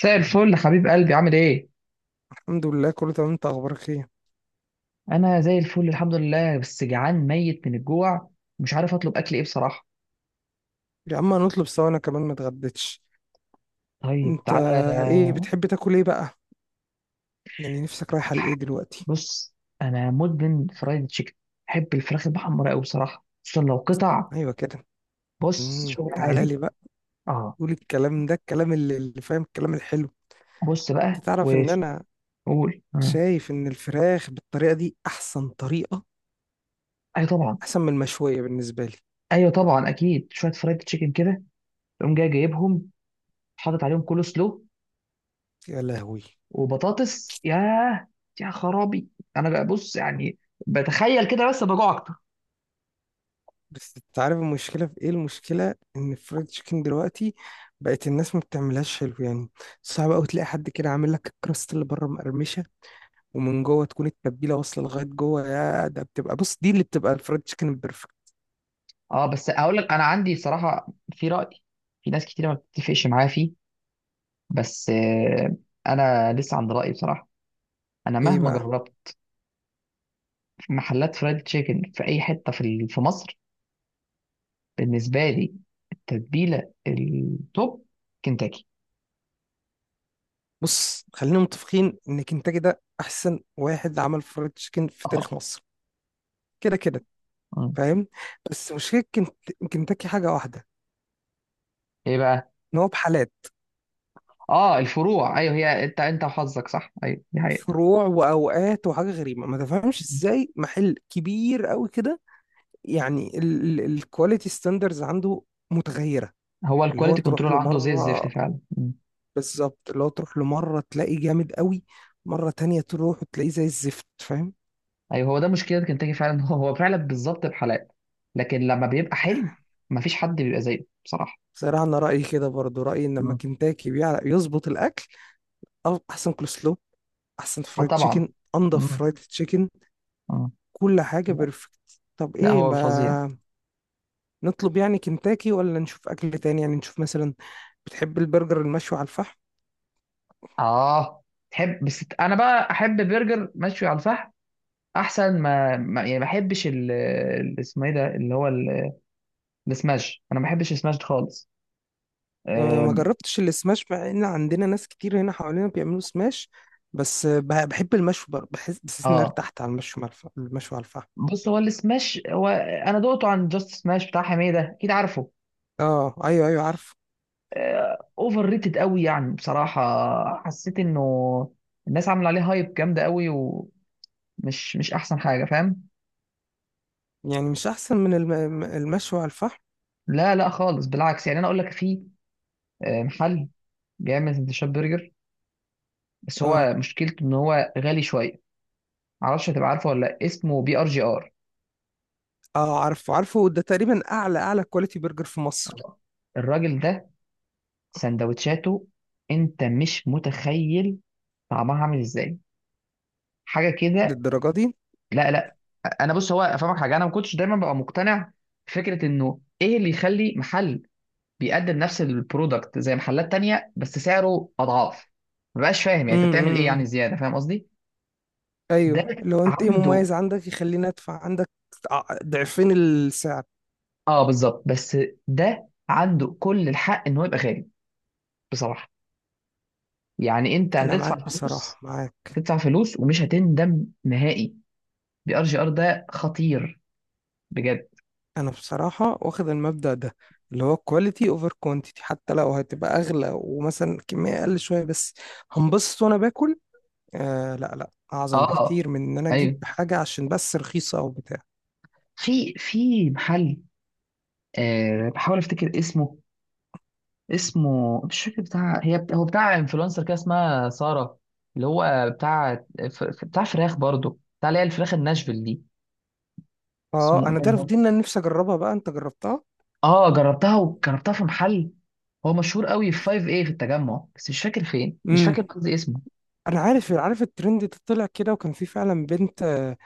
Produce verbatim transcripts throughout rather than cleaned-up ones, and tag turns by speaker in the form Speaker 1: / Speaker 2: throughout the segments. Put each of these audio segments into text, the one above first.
Speaker 1: مساء الفل حبيب قلبي عامل ايه؟
Speaker 2: الحمد لله كله تمام. انت اخبارك ايه؟
Speaker 1: انا زي الفل الحمد لله بس جعان ميت من الجوع. مش عارف اطلب اكل ايه بصراحة.
Speaker 2: يا عم هنطلب سوا، انا كمان ما اتغديتش.
Speaker 1: طيب
Speaker 2: انت
Speaker 1: تعالى.
Speaker 2: ايه بتحب تاكل ايه بقى؟ يعني نفسك رايحه لايه دلوقتي؟
Speaker 1: بص، انا مدمن فرايد تشيكن. بحب الفراخ المحمرة قوي بصراحة، خصوصا لو قطع.
Speaker 2: ايوه كده.
Speaker 1: بص،
Speaker 2: امم
Speaker 1: شغل
Speaker 2: تعالى
Speaker 1: عالي.
Speaker 2: لي بقى.
Speaker 1: اه،
Speaker 2: قول الكلام ده، الكلام اللي, اللي فاهم الكلام الحلو.
Speaker 1: بص بقى
Speaker 2: انت تعرف ان انا
Speaker 1: وقول آه.
Speaker 2: شايف ان الفراخ بالطريقه دي احسن طريقه،
Speaker 1: ايوه طبعا.
Speaker 2: احسن من المشويه بالنسبه لي.
Speaker 1: ايوه طبعا اكيد، شوية فرايد تشيكن كده، تقوم جاي جايبهم، حاطط عليهم كول سلو
Speaker 2: يا لهوي.
Speaker 1: وبطاطس، ياه يا خرابي. انا بقى بص يعني بتخيل كده بس بجوع.
Speaker 2: بس انت عارف المشكله في ايه؟ المشكله ان الفرايد تشيكن دلوقتي بقت الناس ما بتعملهاش حلو يعني. صعب قوي تلاقي حد كده عامل لك الكراست اللي بره مقرمشه ومن جوه تكون التتبيله واصله لغايه جوه. يا ده بتبقى، بص، دي اللي بتبقى الفرايد تشيكن البرفكت.
Speaker 1: اه بس اقول لك انا عندي صراحه، في راي، في ناس كتير ما بتتفقش معايا فيه، بس آه، انا لسه عند رايي بصراحه. انا
Speaker 2: ايه
Speaker 1: مهما
Speaker 2: بقى؟
Speaker 1: جربت في محلات فرايد تشيكن في اي حته في ال- في مصر، بالنسبه لي التتبيله التوب كنتاكي.
Speaker 2: بص، خلينا متفقين ان كنتاكي ده احسن واحد عمل فرايد تشيكن في
Speaker 1: اه.
Speaker 2: تاريخ مصر. كده كده.
Speaker 1: مم.
Speaker 2: فاهم. بس مشكله كنت... كنتاكي حاجه واحده،
Speaker 1: ايه بقى؟
Speaker 2: ان هو بحالات،
Speaker 1: اه الفروع، ايوه هي، انت انت وحظك، صح، ايوه دي حقيقه.
Speaker 2: فروع واوقات. وحاجه غريبه، ما تفهمش
Speaker 1: مم.
Speaker 2: ازاي محل كبير قوي كده، يعني، الكواليتي ستاندرز عنده متغيره.
Speaker 1: هو
Speaker 2: اللي هو
Speaker 1: الكواليتي
Speaker 2: تروح
Speaker 1: كنترول
Speaker 2: له
Speaker 1: عنده زي الزفت
Speaker 2: مره،
Speaker 1: فعلا. مم.
Speaker 2: بالظبط، اللي هو تروح له مرة تلاقيه جامد قوي، مرة تانية تروح وتلاقيه زي الزفت. فاهم.
Speaker 1: ايوه هو ده مشكله كنتاكي فعلا هو هو فعلا بالظبط بحالات، لكن لما بيبقى حلو مفيش حد بيبقى زيه بصراحه.
Speaker 2: صراحة أنا رأيي كده، برضو رأيي إن لما
Speaker 1: مم.
Speaker 2: كنتاكي بيعرف يظبط الأكل، أو أحسن كولسلو، أحسن
Speaker 1: اه
Speaker 2: فرايد تشيكن،
Speaker 1: طبعا.
Speaker 2: أنضف
Speaker 1: مم.
Speaker 2: فرايد تشيكن،
Speaker 1: مم.
Speaker 2: كل حاجة
Speaker 1: لا،
Speaker 2: بيرفكت. طب
Speaker 1: لا،
Speaker 2: إيه،
Speaker 1: هو فظيع.
Speaker 2: ما نطلب يعني كنتاكي ولا نشوف أكل تاني؟ يعني نشوف مثلا، بتحب البرجر المشوي على الفحم؟
Speaker 1: اه، تحب، بس انا بقى احب برجر مشوي على الفحم احسن ما, ما يعني، ما احبش ال ال- اسمه ايه ده اللي هو ال- السماش، انا ما بحبش السماش ده خالص.
Speaker 2: أه، ما
Speaker 1: آم،
Speaker 2: جربتش السماش مع إن عندنا ناس كتير هنا حوالينا بيعملوا سماش. بس أه، بح- بحب المشوي برضه. بحس بحس إن أنا
Speaker 1: اه
Speaker 2: ارتحت على المشوي، مع الف- المشوي على الفحم.
Speaker 1: بص، هو السماش هو انا دقته عن جاست سماش بتاع حميده، اكيد عارفه.
Speaker 2: اه، ايوه ايوه عارفه.
Speaker 1: آه، اوفر ريتد قوي يعني بصراحه. حسيت انه الناس عامله عليه هايب جامده قوي، ومش مش احسن حاجه، فاهم.
Speaker 2: يعني مش احسن من الم... المشوي على الفحم؟
Speaker 1: لا لا خالص، بالعكس، يعني انا اقول لك في آه، محل بيعمل سندوتشات برجر، بس
Speaker 2: اه.
Speaker 1: هو مشكلته ان هو غالي شويه. معرفش هتبقى عارفه ولا لأ، اسمه بي ار جي ار.
Speaker 2: اه، عارفه عارفه، ده تقريبا اعلى اعلى كواليتي برجر في مصر.
Speaker 1: الراجل ده سندوتشاته، انت مش متخيل طعمها عامل ازاي، حاجه كده.
Speaker 2: للدرجه دي؟
Speaker 1: لا لا، انا بص هو افهمك حاجه، انا ما كنتش دايما ببقى مقتنع بفكره انه ايه اللي يخلي محل بيقدم نفس البرودكت زي محلات تانية بس سعره اضعاف. ما بقاش فاهم يعني انت
Speaker 2: امم
Speaker 1: بتعمل ايه،
Speaker 2: إمم،
Speaker 1: يعني
Speaker 2: إمم.
Speaker 1: زياده، فاهم قصدي.
Speaker 2: ايوه،
Speaker 1: ده
Speaker 2: لو انت ايه
Speaker 1: عنده،
Speaker 2: مميز عندك يخليني ادفع عندك ع- ضعفين السعر.
Speaker 1: اه بالظبط، بس ده عنده كل الحق ان هو يبقى غالي بصراحه. يعني انت
Speaker 2: انا
Speaker 1: هتدفع
Speaker 2: معاك
Speaker 1: فلوس،
Speaker 2: بصراحه، معاك.
Speaker 1: هتدفع فلوس ومش هتندم نهائي. بي ار جي ار ده خطير بجد.
Speaker 2: انا بصراحه واخد المبدأ ده، اللي هو كواليتي اوفر كوانتيتي، حتى لو هتبقى اغلى ومثلا الكميه اقل شويه، بس هنبسط وانا باكل. آه لا لا، اعظم
Speaker 1: اه
Speaker 2: بكتير من ان انا اجيب
Speaker 1: ايوه،
Speaker 2: حاجه عشان بس رخيصه او بتاع.
Speaker 1: في في محل، آه بحاول افتكر اسمه، اسمه مش فاكر، بتاع هي بتاع هو بتاع انفلونسر كده اسمها ساره، اللي هو بتاع ف- ف- بتاع فراخ برضه، بتاع اللي هي الفراخ الناشفيل دي.
Speaker 2: اه،
Speaker 1: اسمه
Speaker 2: انا تعرف
Speaker 1: ايه؟
Speaker 2: دي، إن انا نفسي اجربها بقى. انت جربتها؟
Speaker 1: اه جربتها، وجربتها في محل هو مشهور قوي في خمس، ايه، في التجمع، بس مش فاكر فين، مش
Speaker 2: امم.
Speaker 1: فاكر قصدي اسمه.
Speaker 2: انا عارف، عارف الترند ده طلع كده، وكان في فعلا بنت، آه،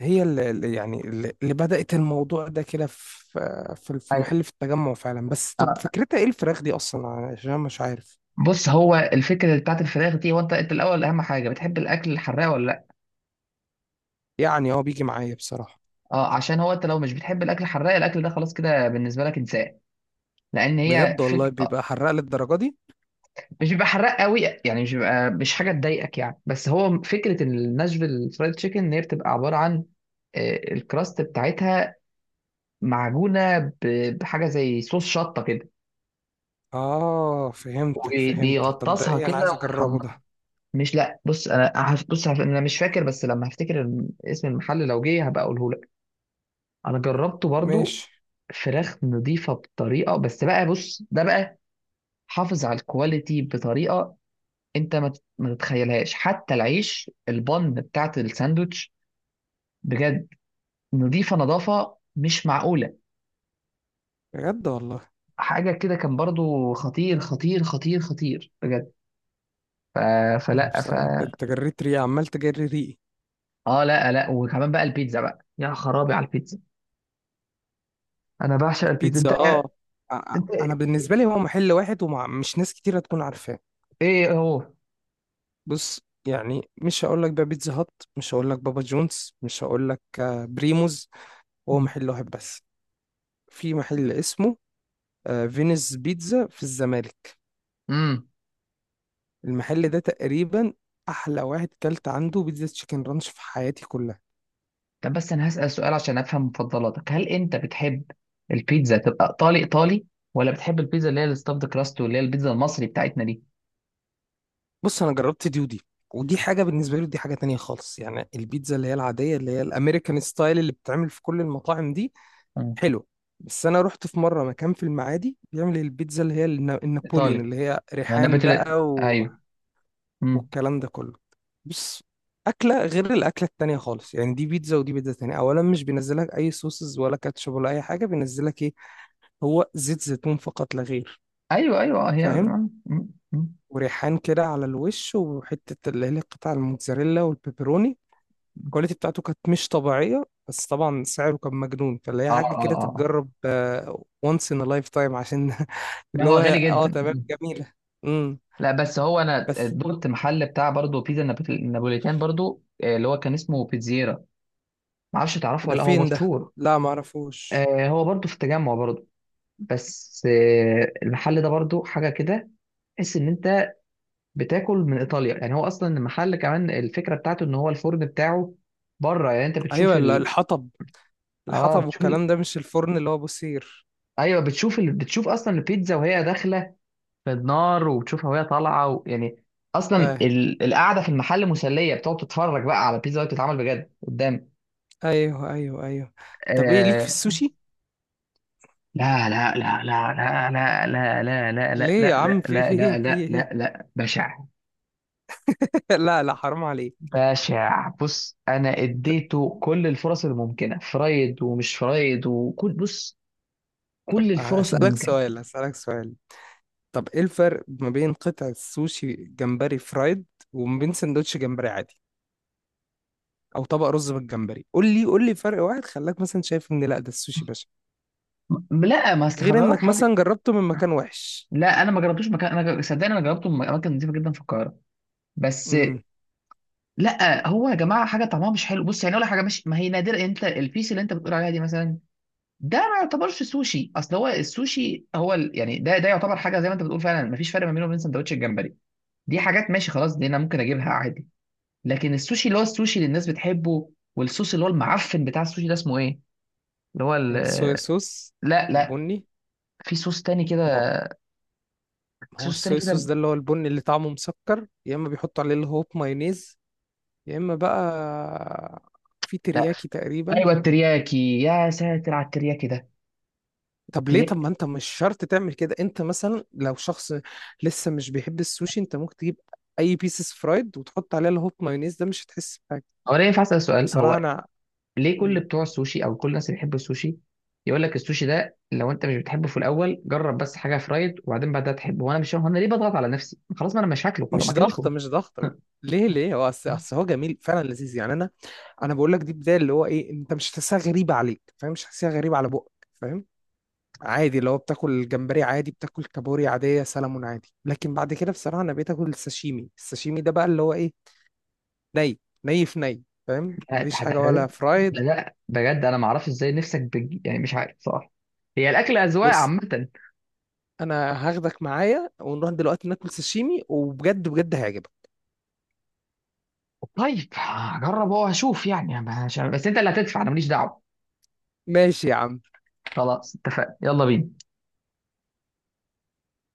Speaker 2: هي اللي اللي- يعني اللي اللي بدأت الموضوع ده كده في، آه، في في
Speaker 1: ايوه.
Speaker 2: محل في التجمع فعلا. بس طب
Speaker 1: آه.
Speaker 2: فكرتها ايه الفراخ دي اصلا؟ عشان أنا مش عارف.
Speaker 1: بص، هو الفكره بتاعت الفراخ دي، هو انت، انت الاول اهم حاجه، بتحب الاكل الحراق ولا لا؟
Speaker 2: يعني هو بيجي معايا بصراحة.
Speaker 1: اه، عشان هو انت لو مش بتحب الاكل الحراق، الاكل ده خلاص كده بالنسبه لك انسان، لان هي
Speaker 2: بجد والله
Speaker 1: فك... آه.
Speaker 2: بيبقى حراق للدرجة دي؟
Speaker 1: مش بيبقى حراق قوي يعني، مش بيبقى، مش حاجه تضايقك يعني، بس هو فكره الناشفيل فرايد تشيكن ان هي بتبقى عباره عن آه، الكراست بتاعتها معجونه ب- بحاجه زي صوص شطه كده،
Speaker 2: اه، فهمتك فهمتك. طب ده
Speaker 1: وبيغطسها
Speaker 2: ايه؟ انا
Speaker 1: كده
Speaker 2: عايز اجربه
Speaker 1: ويحمرها.
Speaker 2: ده.
Speaker 1: مش، لا بص، انا هف- بص، هف- انا مش فاكر، بس لما هفتكر الم- اسم المحل لو جه هبقى اقوله لك. انا جربته برضو،
Speaker 2: ماشي.
Speaker 1: فراخ نظيفه بطريقه، بس بقى بص، ده بقى حافظ على الكواليتي بطريقه انت ما تت- ما تتخيلهاش، حتى العيش البن بتاعت الساندوتش بجد، نظيفه نظافه مش معقوله،
Speaker 2: بجد والله.
Speaker 1: حاجه كده. كان برضو خطير خطير خطير خطير بجد. ف...
Speaker 2: انا
Speaker 1: فلا.
Speaker 2: بصراحة، انت، أنت جريت ريقي، عمال تجري ريقي.
Speaker 1: اه لا لا، وكمان بقى البيتزا، بقى يا خرابي على البيتزا، انا بعشق البيتزا.
Speaker 2: البيتزا،
Speaker 1: انت،
Speaker 2: اه. ع-
Speaker 1: انت
Speaker 2: انا بالنسبه لي هو محل واحد، ومش ناس كتير هتكون عارفاه.
Speaker 1: ايه هو؟
Speaker 2: بص، يعني مش هقول لك بقى بيتزا هات، مش هقول لك بابا جونز، مش هقول لك آه، بريموز. هو
Speaker 1: مم.
Speaker 2: محل واحد بس. في محل اسمه، آه، فينيس بيتزا في الزمالك.
Speaker 1: امم.
Speaker 2: المحل ده تقريبا احلى واحد كلت عنده بيتزا تشيكن رانش في حياتي كلها.
Speaker 1: طب بس انا هسأل سؤال عشان افهم مفضلاتك، هل انت بتحب البيتزا تبقى ايطالي ايطالي، ولا بتحب البيتزا اللي هي الستافد كراست واللي هي البيتزا المصري بتاعتنا دي؟
Speaker 2: بص، انا جربت دي ودي، ودي حاجه بالنسبه لي ودي حاجه تانية خالص. يعني البيتزا اللي هي العاديه، اللي هي الامريكان ستايل، اللي بتتعمل في كل المطاعم دي،
Speaker 1: مم.
Speaker 2: حلو. بس انا رحت في مره مكان في المعادي بيعمل البيتزا اللي هي النا- النابوليون،
Speaker 1: ايطالي.
Speaker 2: اللي هي
Speaker 1: انا
Speaker 2: ريحان
Speaker 1: بتل...
Speaker 2: بقى و...
Speaker 1: ايوه. امم.
Speaker 2: والكلام ده كله. بص، اكله غير الاكله التانية خالص. يعني دي بيتزا ودي بيتزا تانية. اولا مش بينزلك اي صوصز ولا كاتشب ولا اي حاجه، بينزلك ايه؟ هو زيت زيتون فقط لا غير.
Speaker 1: ايوه ايوه. آه، هي.
Speaker 2: فاهم.
Speaker 1: مم. مم. مم.
Speaker 2: وريحان كده على الوش، وحته اللي هي قطع الموتزاريلا والبيبروني. الكواليتي بتاعته كانت مش طبيعية، بس طبعا سعره كان مجنون. فاللي هي
Speaker 1: اه
Speaker 2: حاجة
Speaker 1: اه اه.
Speaker 2: كده
Speaker 1: آه.
Speaker 2: تتجرب آه، once in a lifetime، عشان
Speaker 1: لا
Speaker 2: اللي
Speaker 1: هو
Speaker 2: هو
Speaker 1: غالي
Speaker 2: اه
Speaker 1: جدا.
Speaker 2: تمام.
Speaker 1: مم.
Speaker 2: جميلة. امم.
Speaker 1: لا بس هو انا
Speaker 2: بس
Speaker 1: دقت محل بتاع برضه بيتزا نابت- نابوليتان برضه، آه، اللي هو كان اسمه بيتزيرا. معرفش تعرفه
Speaker 2: ده
Speaker 1: ولا لأ، هو
Speaker 2: فين ده؟
Speaker 1: مشهور.
Speaker 2: لا، معرفوش.
Speaker 1: آه، هو برضو في التجمع برضو، بس آه، المحل ده برضو حاجة كده، تحس إن أنت بتاكل من إيطاليا. يعني هو أصلا المحل، كمان الفكرة بتاعته إن هو الفرن بتاعه بره، يعني أنت
Speaker 2: ايوه،
Speaker 1: بتشوف
Speaker 2: ال-
Speaker 1: ال
Speaker 2: الحطب،
Speaker 1: آه،
Speaker 2: الحطب
Speaker 1: بتشوف ال...
Speaker 2: والكلام ده، مش الفرن اللي هو بوسير.
Speaker 1: أيوه بتشوف ال... بتشوف أصلا البيتزا وهي داخلة في النار، وبتشوفها وهي طالعة و... يعني أصلا
Speaker 2: فاهم.
Speaker 1: ال... القعدة في المحل مسلية، بتقعد تتفرج بقى على البيتزا وهي بتتعمل بجد قدامك.
Speaker 2: ايوه ايوه ايوه. طب ايه ليك في
Speaker 1: آه.
Speaker 2: السوشي؟
Speaker 1: لا لا لا لا لا لا لا لا لا لا
Speaker 2: ليه يا
Speaker 1: لا لا
Speaker 2: عم؟ في
Speaker 1: لا
Speaker 2: ايه
Speaker 1: لا
Speaker 2: في
Speaker 1: لا لا
Speaker 2: ايه؟
Speaker 1: لا، بشع.
Speaker 2: لا لا، حرام عليك.
Speaker 1: بشع، بص انا اديته كل الفرص الممكنه، فرايد ومش فرايد وكل، بص،
Speaker 2: طب
Speaker 1: كل
Speaker 2: آه،
Speaker 1: الفرص
Speaker 2: هسألك
Speaker 1: الممكنه.
Speaker 2: سؤال، هسألك سؤال. طب ايه الفرق ما بين قطعة سوشي جمبري فرايد، وما بين سندوتش جمبري عادي، او طبق رز بالجمبري؟ قول لي، قول لي فرق واحد خلاك مثلا شايف ان لا ده السوشي باشا،
Speaker 1: م- لا ما
Speaker 2: غير
Speaker 1: استخدمك
Speaker 2: انك
Speaker 1: حاجه.
Speaker 2: مثلا جربته من مكان وحش.
Speaker 1: لا انا ما جربتوش مكان، انا ج- صدقني انا جربته في اماكن نظيفه جدا في القاهره بس.
Speaker 2: امم.
Speaker 1: لا هو يا جماعه حاجه طعمها مش حلو، بص يعني اقول لك حاجه مش، ما هي نادره. انت البيس اللي انت بتقول عليها دي مثلا، ده ما يعتبرش سوشي، اصل هو السوشي هو ال... يعني ده، ده يعتبر حاجه زي ما انت بتقول، فعلا مفيش فرق ما بينه وبين سندوتش الجمبري. دي حاجات ماشي خلاص، دي انا ممكن اجيبها عادي. لكن السوشي اللي هو السوشي اللي الناس بتحبه، والصوص اللي هو المعفن بتاع السوشي، ده اسمه ايه، اللي هو ال...
Speaker 2: الصويا صوص،
Speaker 1: لا لا.
Speaker 2: البني.
Speaker 1: في صوص تاني كده.
Speaker 2: ما هو، ما هو
Speaker 1: صوص تاني
Speaker 2: الصويا صوص
Speaker 1: كده.
Speaker 2: ده اللي هو البني، اللي طعمه مسكر، يا اما بيحطوا عليه اللي هو مايونيز، يا اما بقى في
Speaker 1: لا،
Speaker 2: ترياكي تقريبا.
Speaker 1: ايوه الترياكي، يا ساتر على الترياكي ده.
Speaker 2: طب ليه؟ طب
Speaker 1: ترياكي.
Speaker 2: ما انت مش شرط تعمل كده. انت مثلا لو شخص لسه مش بيحب السوشي، انت ممكن تجيب اي بيسز فرايد وتحط عليها الهوب مايونيز ده، مش هتحس بحاجه.
Speaker 1: هو انا ينفع اسال سؤال؟
Speaker 2: بصراحه
Speaker 1: هو
Speaker 2: انا،
Speaker 1: ليه كل بتوع السوشي، او كل الناس اللي بيحبوا السوشي، يقول لك السوشي ده لو انت مش بتحبه في الاول جرب بس حاجه فرايد وبعدين بعدها تحبه. وانا مش، هو انا ليه بضغط على نفسي؟ خلاص ما انا مش هاكله، خلاص ما
Speaker 2: مش
Speaker 1: اكلوش
Speaker 2: ضغطه،
Speaker 1: وخلاص.
Speaker 2: مش ضغطه. ليه ليه؟ هو اصل، اصل هو جميل فعلا، لذيذ يعني. انا، انا بقول لك دي بدايه، اللي هو ايه، انت مش هتحسها غريبه عليك. فاهم. مش هتحسها غريبه على بقك. فاهم. عادي، لو بتاكل جمبري عادي، بتاكل كابوري عاديه، سلمون عادي. لكن بعد كده بصراحه انا بقيت اكل الساشيمي. الساشيمي ده بقى اللي هو ايه، ني، ني في ني. فاهم.
Speaker 1: لا، ده
Speaker 2: مفيش حاجه
Speaker 1: ده-
Speaker 2: ولا
Speaker 1: ده-
Speaker 2: فرايد.
Speaker 1: ده بجد انا ما اعرفش ازاي نفسك بج... يعني مش عارف صراحه. هي الاكل اذواق
Speaker 2: بص،
Speaker 1: عامه.
Speaker 2: انا هاخدك معايا ونروح دلوقتي ناكل ساشيمي، وبجد بجد هيعجبك.
Speaker 1: طيب هجرب واشوف، يعني مش، بس انت اللي هتدفع انا ماليش دعوه.
Speaker 2: ماشي يا عم.
Speaker 1: خلاص اتفقنا، يلا بينا.